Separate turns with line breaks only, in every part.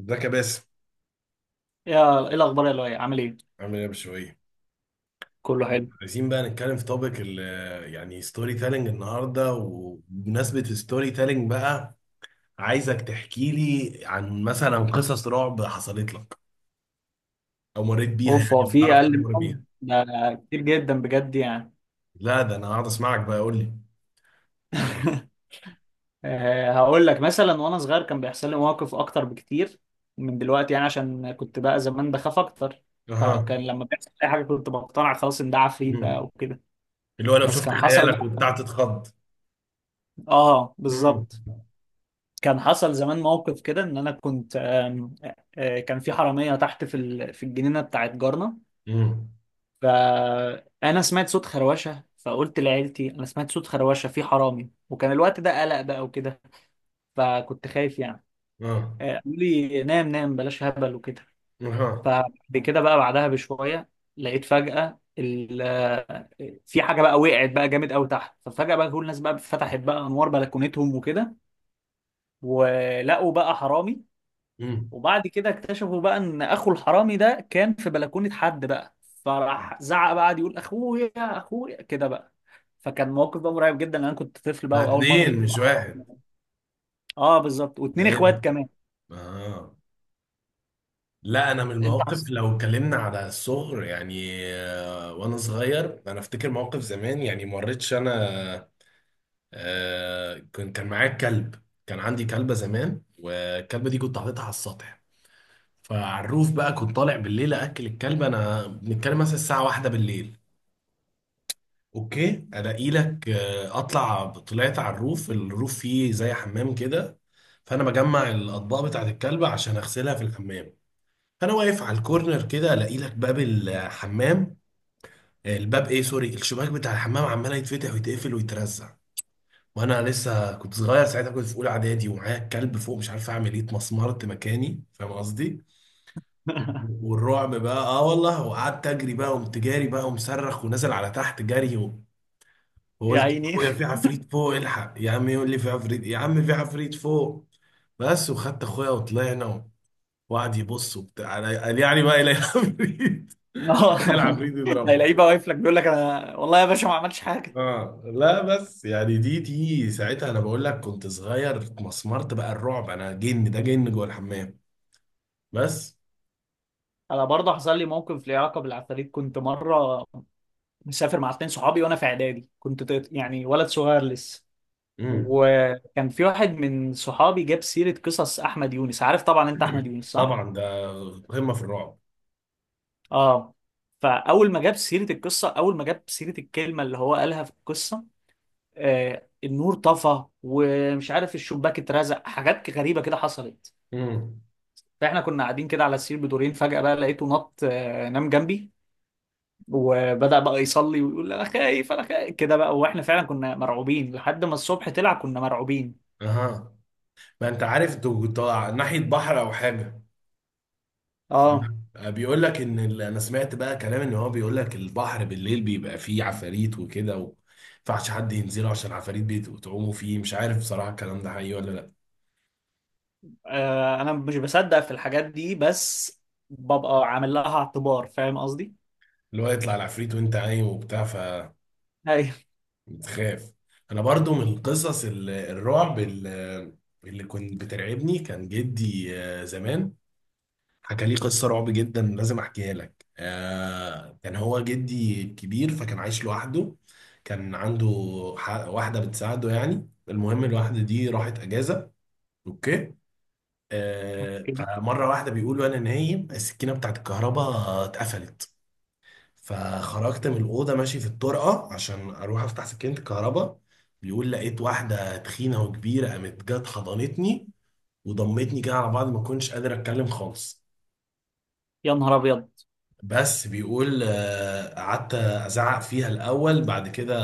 ازيك يا باسم؟
يا ايه الاخبار يا لؤي، عامل ايه؟
عامل ايه يا بشوية؟
كله حلو.
عايزين بقى نتكلم في توبيك يعني ستوري تيلينج النهارده، وبمناسبة ستوري تيلينج بقى عايزك تحكي لي عن مثلا قصص رعب حصلت لك او مريت بيها
اوف،
يعني،
هو
او
في
تعرف حد
اقل
مر بيها.
منهم ده كتير جدا بجد يعني.
لا، ده انا قاعد اسمعك بقى، قول لي.
هقول لك مثلا وانا صغير كان بيحصل لي مواقف اكتر بكتير من دلوقتي يعني، عشان كنت بقى زمان بخاف اكتر.
اها.
فكان لما بيحصل اي حاجه كنت بقتنع خلاص ان ده عفريت بقى
مم.
وكده.
اللي هو لو
بس
شفت
كان حصل
خيالك وبتاع
بقى.
تتخض.
اه
مم.
بالظبط. كان حصل زمان موقف كده، ان انا كنت. آم، آه، كان في حراميه تحت في في الجنينه بتاعت جارنا.
مم.
فانا سمعت صوت خروشه، فقلت لعيلتي انا سمعت صوت خروشه، في حرامي، وكان الوقت ده قلق بقى وكده. فكنت خايف يعني.
اه.
قالوا لي نام نام بلاش هبل وكده.
اها.
فبعد كده بقى بعدها بشويه، لقيت فجاه في حاجه بقى وقعت بقى جامد قوي تحت. ففجاه بقى كل الناس بقى فتحت بقى انوار بلكونتهم وكده، ولقوا بقى حرامي.
مم.
وبعد كده اكتشفوا بقى ان اخو الحرامي ده كان في بلكونة حد بقى، فراح زعق بقى، قعد يقول: اخويا، اخويا، كده بقى. فكان موقف بقى مرعب جدا، انا كنت طفل
ده
بقى واول مره
اتنين
اشوف
مش واحد.
أحرام. اه بالظبط،
ده
واتنين
ايه ده؟
اخوات كمان.
اه. لا، انا من
انت عص-
المواقف لو اتكلمنا على الصغر يعني، وانا صغير انا افتكر موقف زمان يعني، ما مريتش انا. آه، كنت كان معايا كلب، كان عندي كلبه زمان، والكلبه دي كنت حاططها على السطح. فعلى الروف بقى كنت طالع بالليل اكل الكلبه، انا بنتكلم مثلا الساعه واحدة بالليل. اوكي، الاقي لك، آه، اطلع طلعت على الروف، الروف فيه زي حمام كده. فانا بجمع الاطباق بتاعت الكلبه عشان اغسلها في الحمام. فانا واقف على الكورنر كده، الاقي لك باب الحمام، ايه، سوري، الشباك بتاع الحمام عمال يتفتح ويتقفل ويترزع، وانا لسه كنت صغير ساعتها، كنت في اولى اعدادي، ومعايا الكلب فوق، مش عارف اعمل ايه، اتمسمرت مكاني، فاهم قصدي. والرعب بقى، اه والله، وقعدت اجري بقى، قمت جاري بقى ومصرخ ونازل على تحت جري
يا
وقلت
عيني.
اخويا في عفريت فوق، الحق يا عم، يقول لي في عفريت يا عم، في عفريت فوق. بس، وخدت اخويا وطلعنا، وقعد يبص وبتاع، قال يعني بقى الى عفريت،
اه،
العفريت يضربه.
هيلاقيه بقى واقف لك، بيقول لك: انا والله يا باشا ما عملتش حاجه.
اه. لا بس يعني دي ساعتها، انا بقول لك كنت صغير، اتمسمرت بقى، الرعب، انا جن، ده جن جوه الحمام. بس.
انا برضه حصل لي موقف ليه علاقه بالعفاريت. كنت مره مسافر مع اتنين صحابي وانا في اعدادي، كنت يعني ولد صغير لسه.
امم.
وكان في واحد من صحابي جاب سيرة قصص أحمد يونس. عارف طبعا أنت أحمد يونس، صح؟
طبعا ده قمه في الرعب.
آه فأول ما جاب سيرة القصة أول ما جاب سيرة الكلمة اللي هو قالها في القصة، النور طفى، ومش عارف الشباك اترزق، حاجات غريبة كده حصلت.
امم.
فإحنا كنا قاعدين كده على السرير بدورين، فجأة بقى لقيته نط آه نام جنبي، وبدأ بقى يصلي ويقول: أنا خايف، أنا خايف، كده بقى. وإحنا فعلا كنا مرعوبين لحد ما الصبح طلع، كنا مرعوبين.
اها. ما انت عارف طالع ناحيه بحر او حاجه.
آه
بيقول لك ان انا سمعت بقى كلام ان هو بيقول لك البحر بالليل بيبقى فيه عفاريت وكده و... ينفعش حد ينزله عشان العفاريت بتعوموا فيه، مش عارف بصراحه الكلام ده حقيقي ولا لا.
انا مش بصدق في الحاجات دي، بس ببقى عامل لها اعتبار، فاهم قصدي.
اللي هو يطلع العفريت وانت عايم وبتاع،
ايوه.
بتخاف. انا برضو من قصص الرعب، اللي كنت بترعبني كان جدي، زمان حكى لي قصة رعب جدا، لازم احكيها لك. كان هو جدي كبير فكان عايش لوحده، كان عنده واحدة بتساعده يعني. المهم الواحدة دي راحت اجازة. اوكي.
أوكي.
فمرة واحدة بيقول وانا نايم السكينة بتاعت الكهرباء اتقفلت، فخرجت من الأوضة ماشي في الطرقة عشان أروح أفتح سكينة الكهرباء. بيقول لقيت واحدة تخينة وكبيرة، قامت جت حضنتني وضمتني كده على بعض، ما كنتش قادر أتكلم خالص.
يا نهار ابيض.
بس بيقول قعدت أزعق فيها الأول، بعد كده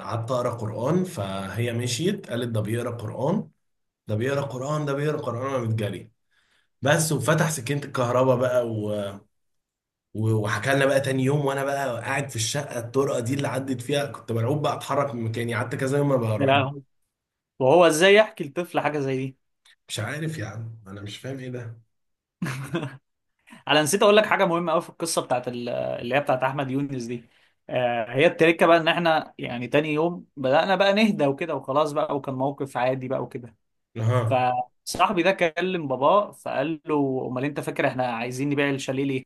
قعدت أقرأ قرآن، فهي مشيت قالت ده بيقرأ قرآن، ده بيقرأ قرآن، ده بيقرأ قرآن، قامت جري. بس، وفتح سكينة الكهرباء بقى و... وحكى لنا بقى تاني يوم. وانا بقى قاعد في الشقه، الطرقه دي اللي عدت فيها كنت مرعوب بقى، اتحرك من مكاني، قعدت كذا يوم ما
يا
بروح.
لهوي. وهو ازاي يحكي لطفل حاجه زي دي؟
مش عارف يا عم، انا مش فاهم ايه ده.
انا نسيت اقول لك حاجه مهمه قوي في القصه بتاعت اللي هي بتاعت احمد يونس دي. هي التركه بقى ان احنا يعني تاني يوم بدانا بقى نهدى وكده وخلاص بقى، وكان موقف عادي بقى وكده.
اها.
فصاحبي ده كلم باباه، فقال له: امال انت فاكر احنا عايزين نبيع الشاليه ليه؟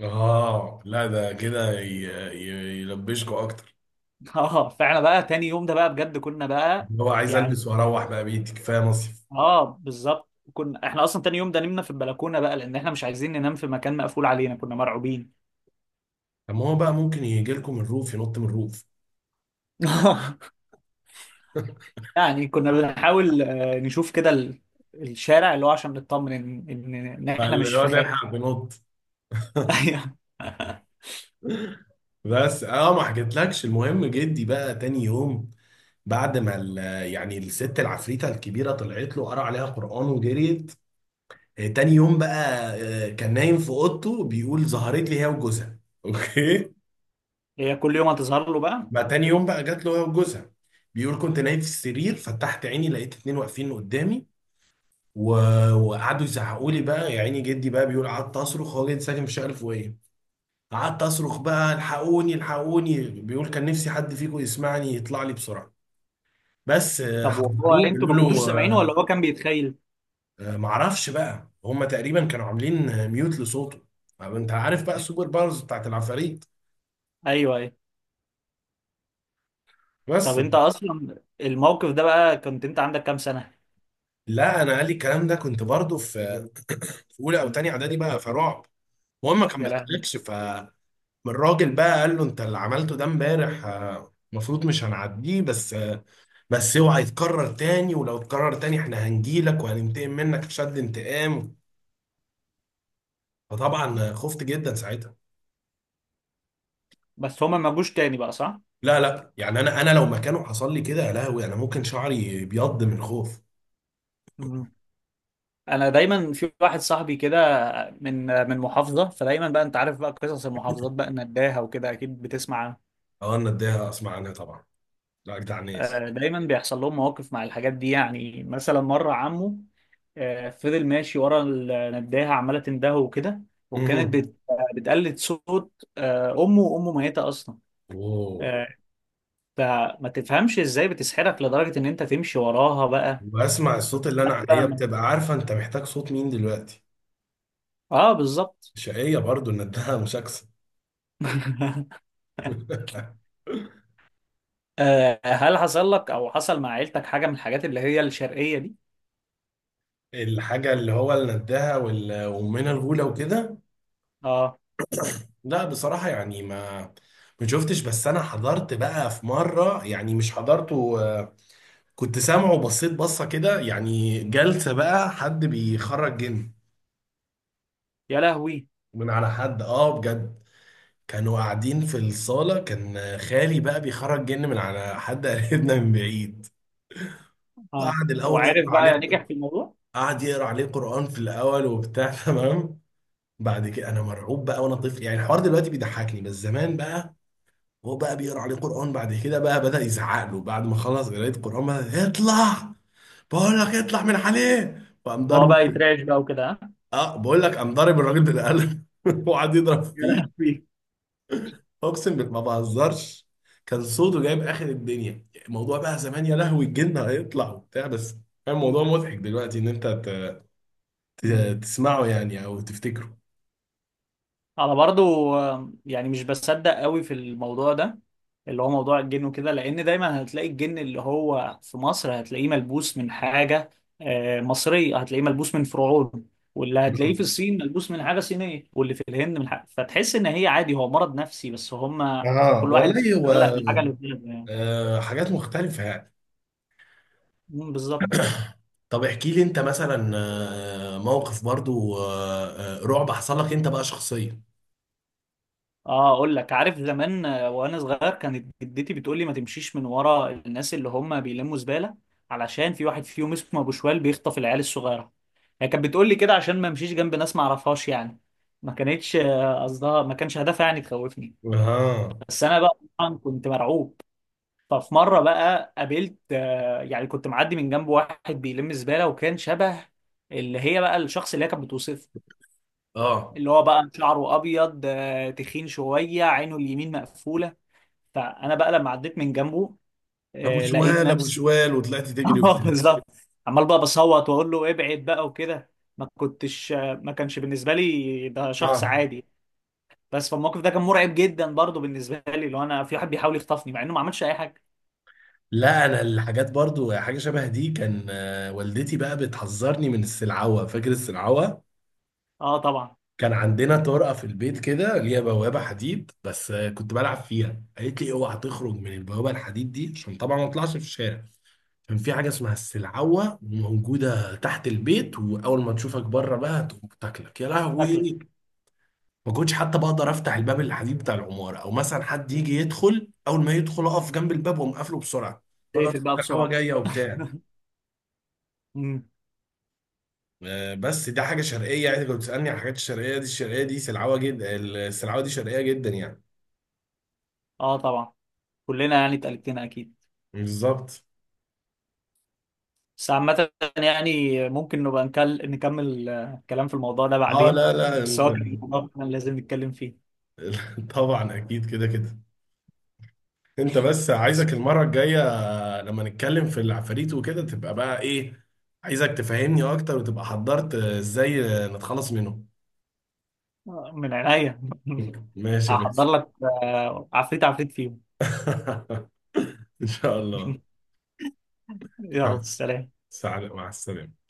اه. لا، ده كده يلبشكوا اكتر،
اه، فاحنا بقى تاني يوم ده بقى بجد كنا بقى
اللي هو عايز
يعني.
البس واروح بقى بيتي، كفايه مصيف.
اه بالظبط، كنا احنا اصلا تاني يوم ده نمنا في البلكونه بقى، لان احنا مش عايزين ننام في مكان مقفول علينا، كنا مرعوبين.
طب ما هو بقى ممكن يجي لكم الروف، ينط من الروف.
يعني كنا بنحاول نشوف كده الشارع، اللي هو عشان نطمن ان ان إن احنا مش
فاللي هو
في خارج.
نلحق بنط.
أيوه.
بس اه، ما حكيتلكش، المهم جدي بقى تاني يوم، بعد ما يعني الست العفريته الكبيره طلعت له، قرا عليها قران وجريت. تاني يوم بقى كان نايم في اوضته بيقول ظهرت لي هي وجوزها. اوكي.
هي كل يوم هتظهر له بقى.
بقى تاني يوم بقى جات له هي وجوزها، بيقول كنت نايم في السرير، فتحت عيني لقيت اتنين واقفين قدامي و... وقعدوا يزعقوا لي بقى، يا عيني جدي بقى، بيقول قعدت اصرخ، هو جدي ساكن في الشقه الفوقيه، قعدت اصرخ بقى الحقوني، الحقوني، بيقول كان نفسي حد فيكم يسمعني يطلع لي بسرعه. بس،
طب وهو
حضروه
انتوا ما
بيقولوا
كنتوش
له،
سامعينه، ولا هو كان بيتخيل؟
معرفش بقى، هم تقريبا كانوا عاملين ميوت لصوته. طب انت عارف بقى السوبر باورز بتاعت العفاريت.
ايوه ايوه.
بس.
طب انت اصلا الموقف ده بقى، كنت انت عندك كام سنه؟
لا، انا قال لي الكلام ده كنت برضو في اولى او تانية اعدادي بقى، فرعب. وهو ما
يا لهوي.
كملتلكش، فالراجل بقى قال له انت اللي عملته ده امبارح، المفروض مش هنعديه، بس بس اوعى يتكرر تاني، ولو اتكرر تاني احنا هنجيلك وهننتقم منك شد انتقام. فطبعا خفت جدا ساعتها.
بس هما ما جوش تاني بقى، صح؟
لا لا، يعني انا لو مكانه حصل لي كده يا لهوي، انا ممكن شعري بيض من الخوف.
انا دايما في واحد صاحبي كده من محافظه، فدايما بقى انت عارف بقى قصص المحافظات بقى نداها وكده، اكيد بتسمع.
اه، انا اديها اسمع عنها طبعا. لا، جدع ناس.
دايما بيحصل لهم مواقف مع الحاجات دي يعني، مثلا مره عمه فضل ماشي ورا النداهه، عماله تندهه وكده، وكانت
مهم.
بتقلد صوت امه، وامه ميته اصلا.
اوه.
آه، فما تفهمش ازاي بتسحرك لدرجه ان انت تمشي وراها بقى.
واسمع الصوت اللي انا،
قبل
هي
ما-
بتبقى عارفه انت محتاج صوت مين دلوقتي.
اه بالظبط.
شقيه برضو ندها، مشاكسه.
هل حصل لك او حصل مع عيلتك حاجه من الحاجات اللي هي الشرقيه دي؟
الحاجه اللي هو اللي ندها وامنا الغوله وكده.
اه.
لا بصراحه يعني ما شفتش، بس انا حضرت بقى في مره، يعني مش حضرته، كنت سامعه وبصيت بصه كده يعني، جلسه بقى حد بيخرج جن
يا لهوي.
من على حد. اه بجد. كانوا قاعدين في الصاله، كان خالي بقى بيخرج جن من على حد قريبنا من بعيد.
اه،
وقعد الاول
وعارف
يقرا
بقى
عليه،
نجح في الموضوع؟
قعد يقرا عليه قرآن في الأول وبتاع، تمام. بعد كده أنا مرعوب بقى وأنا طفل يعني، الحوار دلوقتي بيضحكني بس زمان بقى. هو بقى بيقرا عليه قرآن، بعد كده بقى بدأ يزعق له، بعد ما خلص قراية قرآن بقى، اطلع، بقول لك اطلع من عليه، وقام
هو بقى
ضربه.
يترعش بقى وكده، ها؟
اه، بقول لك قام ضارب الراجل بالقلم، وقعد يضرب
يا
فيه.
لهوي.
اقسم بالله ما بهزرش، كان صوته جايب اخر الدنيا، الموضوع بقى زمان يا لهوي الجن هيطلع وبتاع. بس كان الموضوع مضحك دلوقتي، ان انت تسمعه يعني او تفتكره.
انا برضو يعني مش بصدق قوي في الموضوع ده، اللي هو موضوع الجن وكده، لان دايما هتلاقي الجن اللي هو في مصر هتلاقيه ملبوس من حاجة مصرية، هتلاقيه ملبوس من فرعون، واللي هتلاقيه في الصين ملبوس من حاجة صينية، واللي في الهند من حاجة. فتحس ان هي عادي، هو مرض نفسي، بس هم
اه
كل واحد
والله هو،
بيتعلق بالحاجة اللي في دماغه يعني.
حاجات مختلفة يعني.
مم، بالظبط.
طب احكي لي انت مثلا، موقف برضو رعب حصل لك انت بقى شخصيا.
اه، اقول لك، عارف زمان وانا صغير، كانت جدتي بتقول لي ما تمشيش من ورا الناس اللي هم بيلموا زباله، علشان في واحد فيهم اسمه ابو شوال بيخطف العيال الصغيره. هي كانت بتقول لي كده عشان ما امشيش جنب ناس ما اعرفهاش يعني. ما كانتش آه، قصدها ما كانش هدفها يعني تخوفني.
اه.
بس انا بقى طبعا كنت مرعوب. ففي مره بقى قابلت آه، يعني كنت معدي من جنب واحد بيلم زباله، وكان شبه اللي هي بقى الشخص اللي هي كانت بتوصفه،
اه.
اللي هو بقى شعره ابيض، تخين شويه، عينه اليمين مقفوله. فانا بقى لما عديت من جنبه،
ابو
لقيت
شوال، ابو
نفسي.
شوال، وطلعت تجري
اه
وبتاع.
بالظبط. عمال بقى بصوت واقول له ابعد بقى وكده. ما كنتش آه، ما كانش بالنسبه لي ده شخص
اه،
عادي. بس فالموقف ده كان مرعب جدا برضه بالنسبه لي، لو انا في واحد بيحاول يخطفني، مع انه ما عملش اي حاجه.
لا انا الحاجات برضو حاجة شبه دي، كان والدتي بقى بتحذرني من السلعوة، فاكر السلعوة.
اه طبعا.
كان عندنا طرقة في البيت كده ليها بوابة حديد، بس كنت بلعب فيها، قالت لي اوعى تخرج من البوابة الحديد دي عشان طبعا ما اطلعش في الشارع. كان في حاجة اسمها السلعوة موجودة تحت البيت، وأول ما تشوفك بره بقى تقوم تاكلك يا
شكلك.
لهوي. ما كنتش حتى بقدر أفتح الباب الحديد بتاع العمارة، أو مثلا حد يجي يدخل، أول ما يدخل أقف جنب الباب وأقوم قافله بسرعة، أقول له أصل
تقفل بقى
السلعوة
بسرعه.
جاية وبتاع.
مم.
بس دي حاجة شرقية يعني، كنت بتسألني على الحاجات الشرقية دي، الشرقية دي سلعوة جدا، السلعوة دي شرقية جدا يعني.
اه طبعا، كلنا يعني اتقلبتنا اكيد.
بالظبط.
بس عامة يعني، ممكن نبقى نكمل كلام في الموضوع ده
اه
بعدين
لا لا.
بس هو كان الموضوع كان لازم نتكلم فيه.
طبعا اكيد كده كده. انت بس عايزك المره الجايه، لما نتكلم في العفاريت وكده، تبقى بقى ايه، عايزك تفهمني اكتر وتبقى حضرت ازاي نتخلص منهم.
من عينيا.
ماشي يا
هحضر
بس.
لك عفريت عفريت فيهم.
ان شاء الله. مع
يلا
الس-
سلام.
مع السلامة.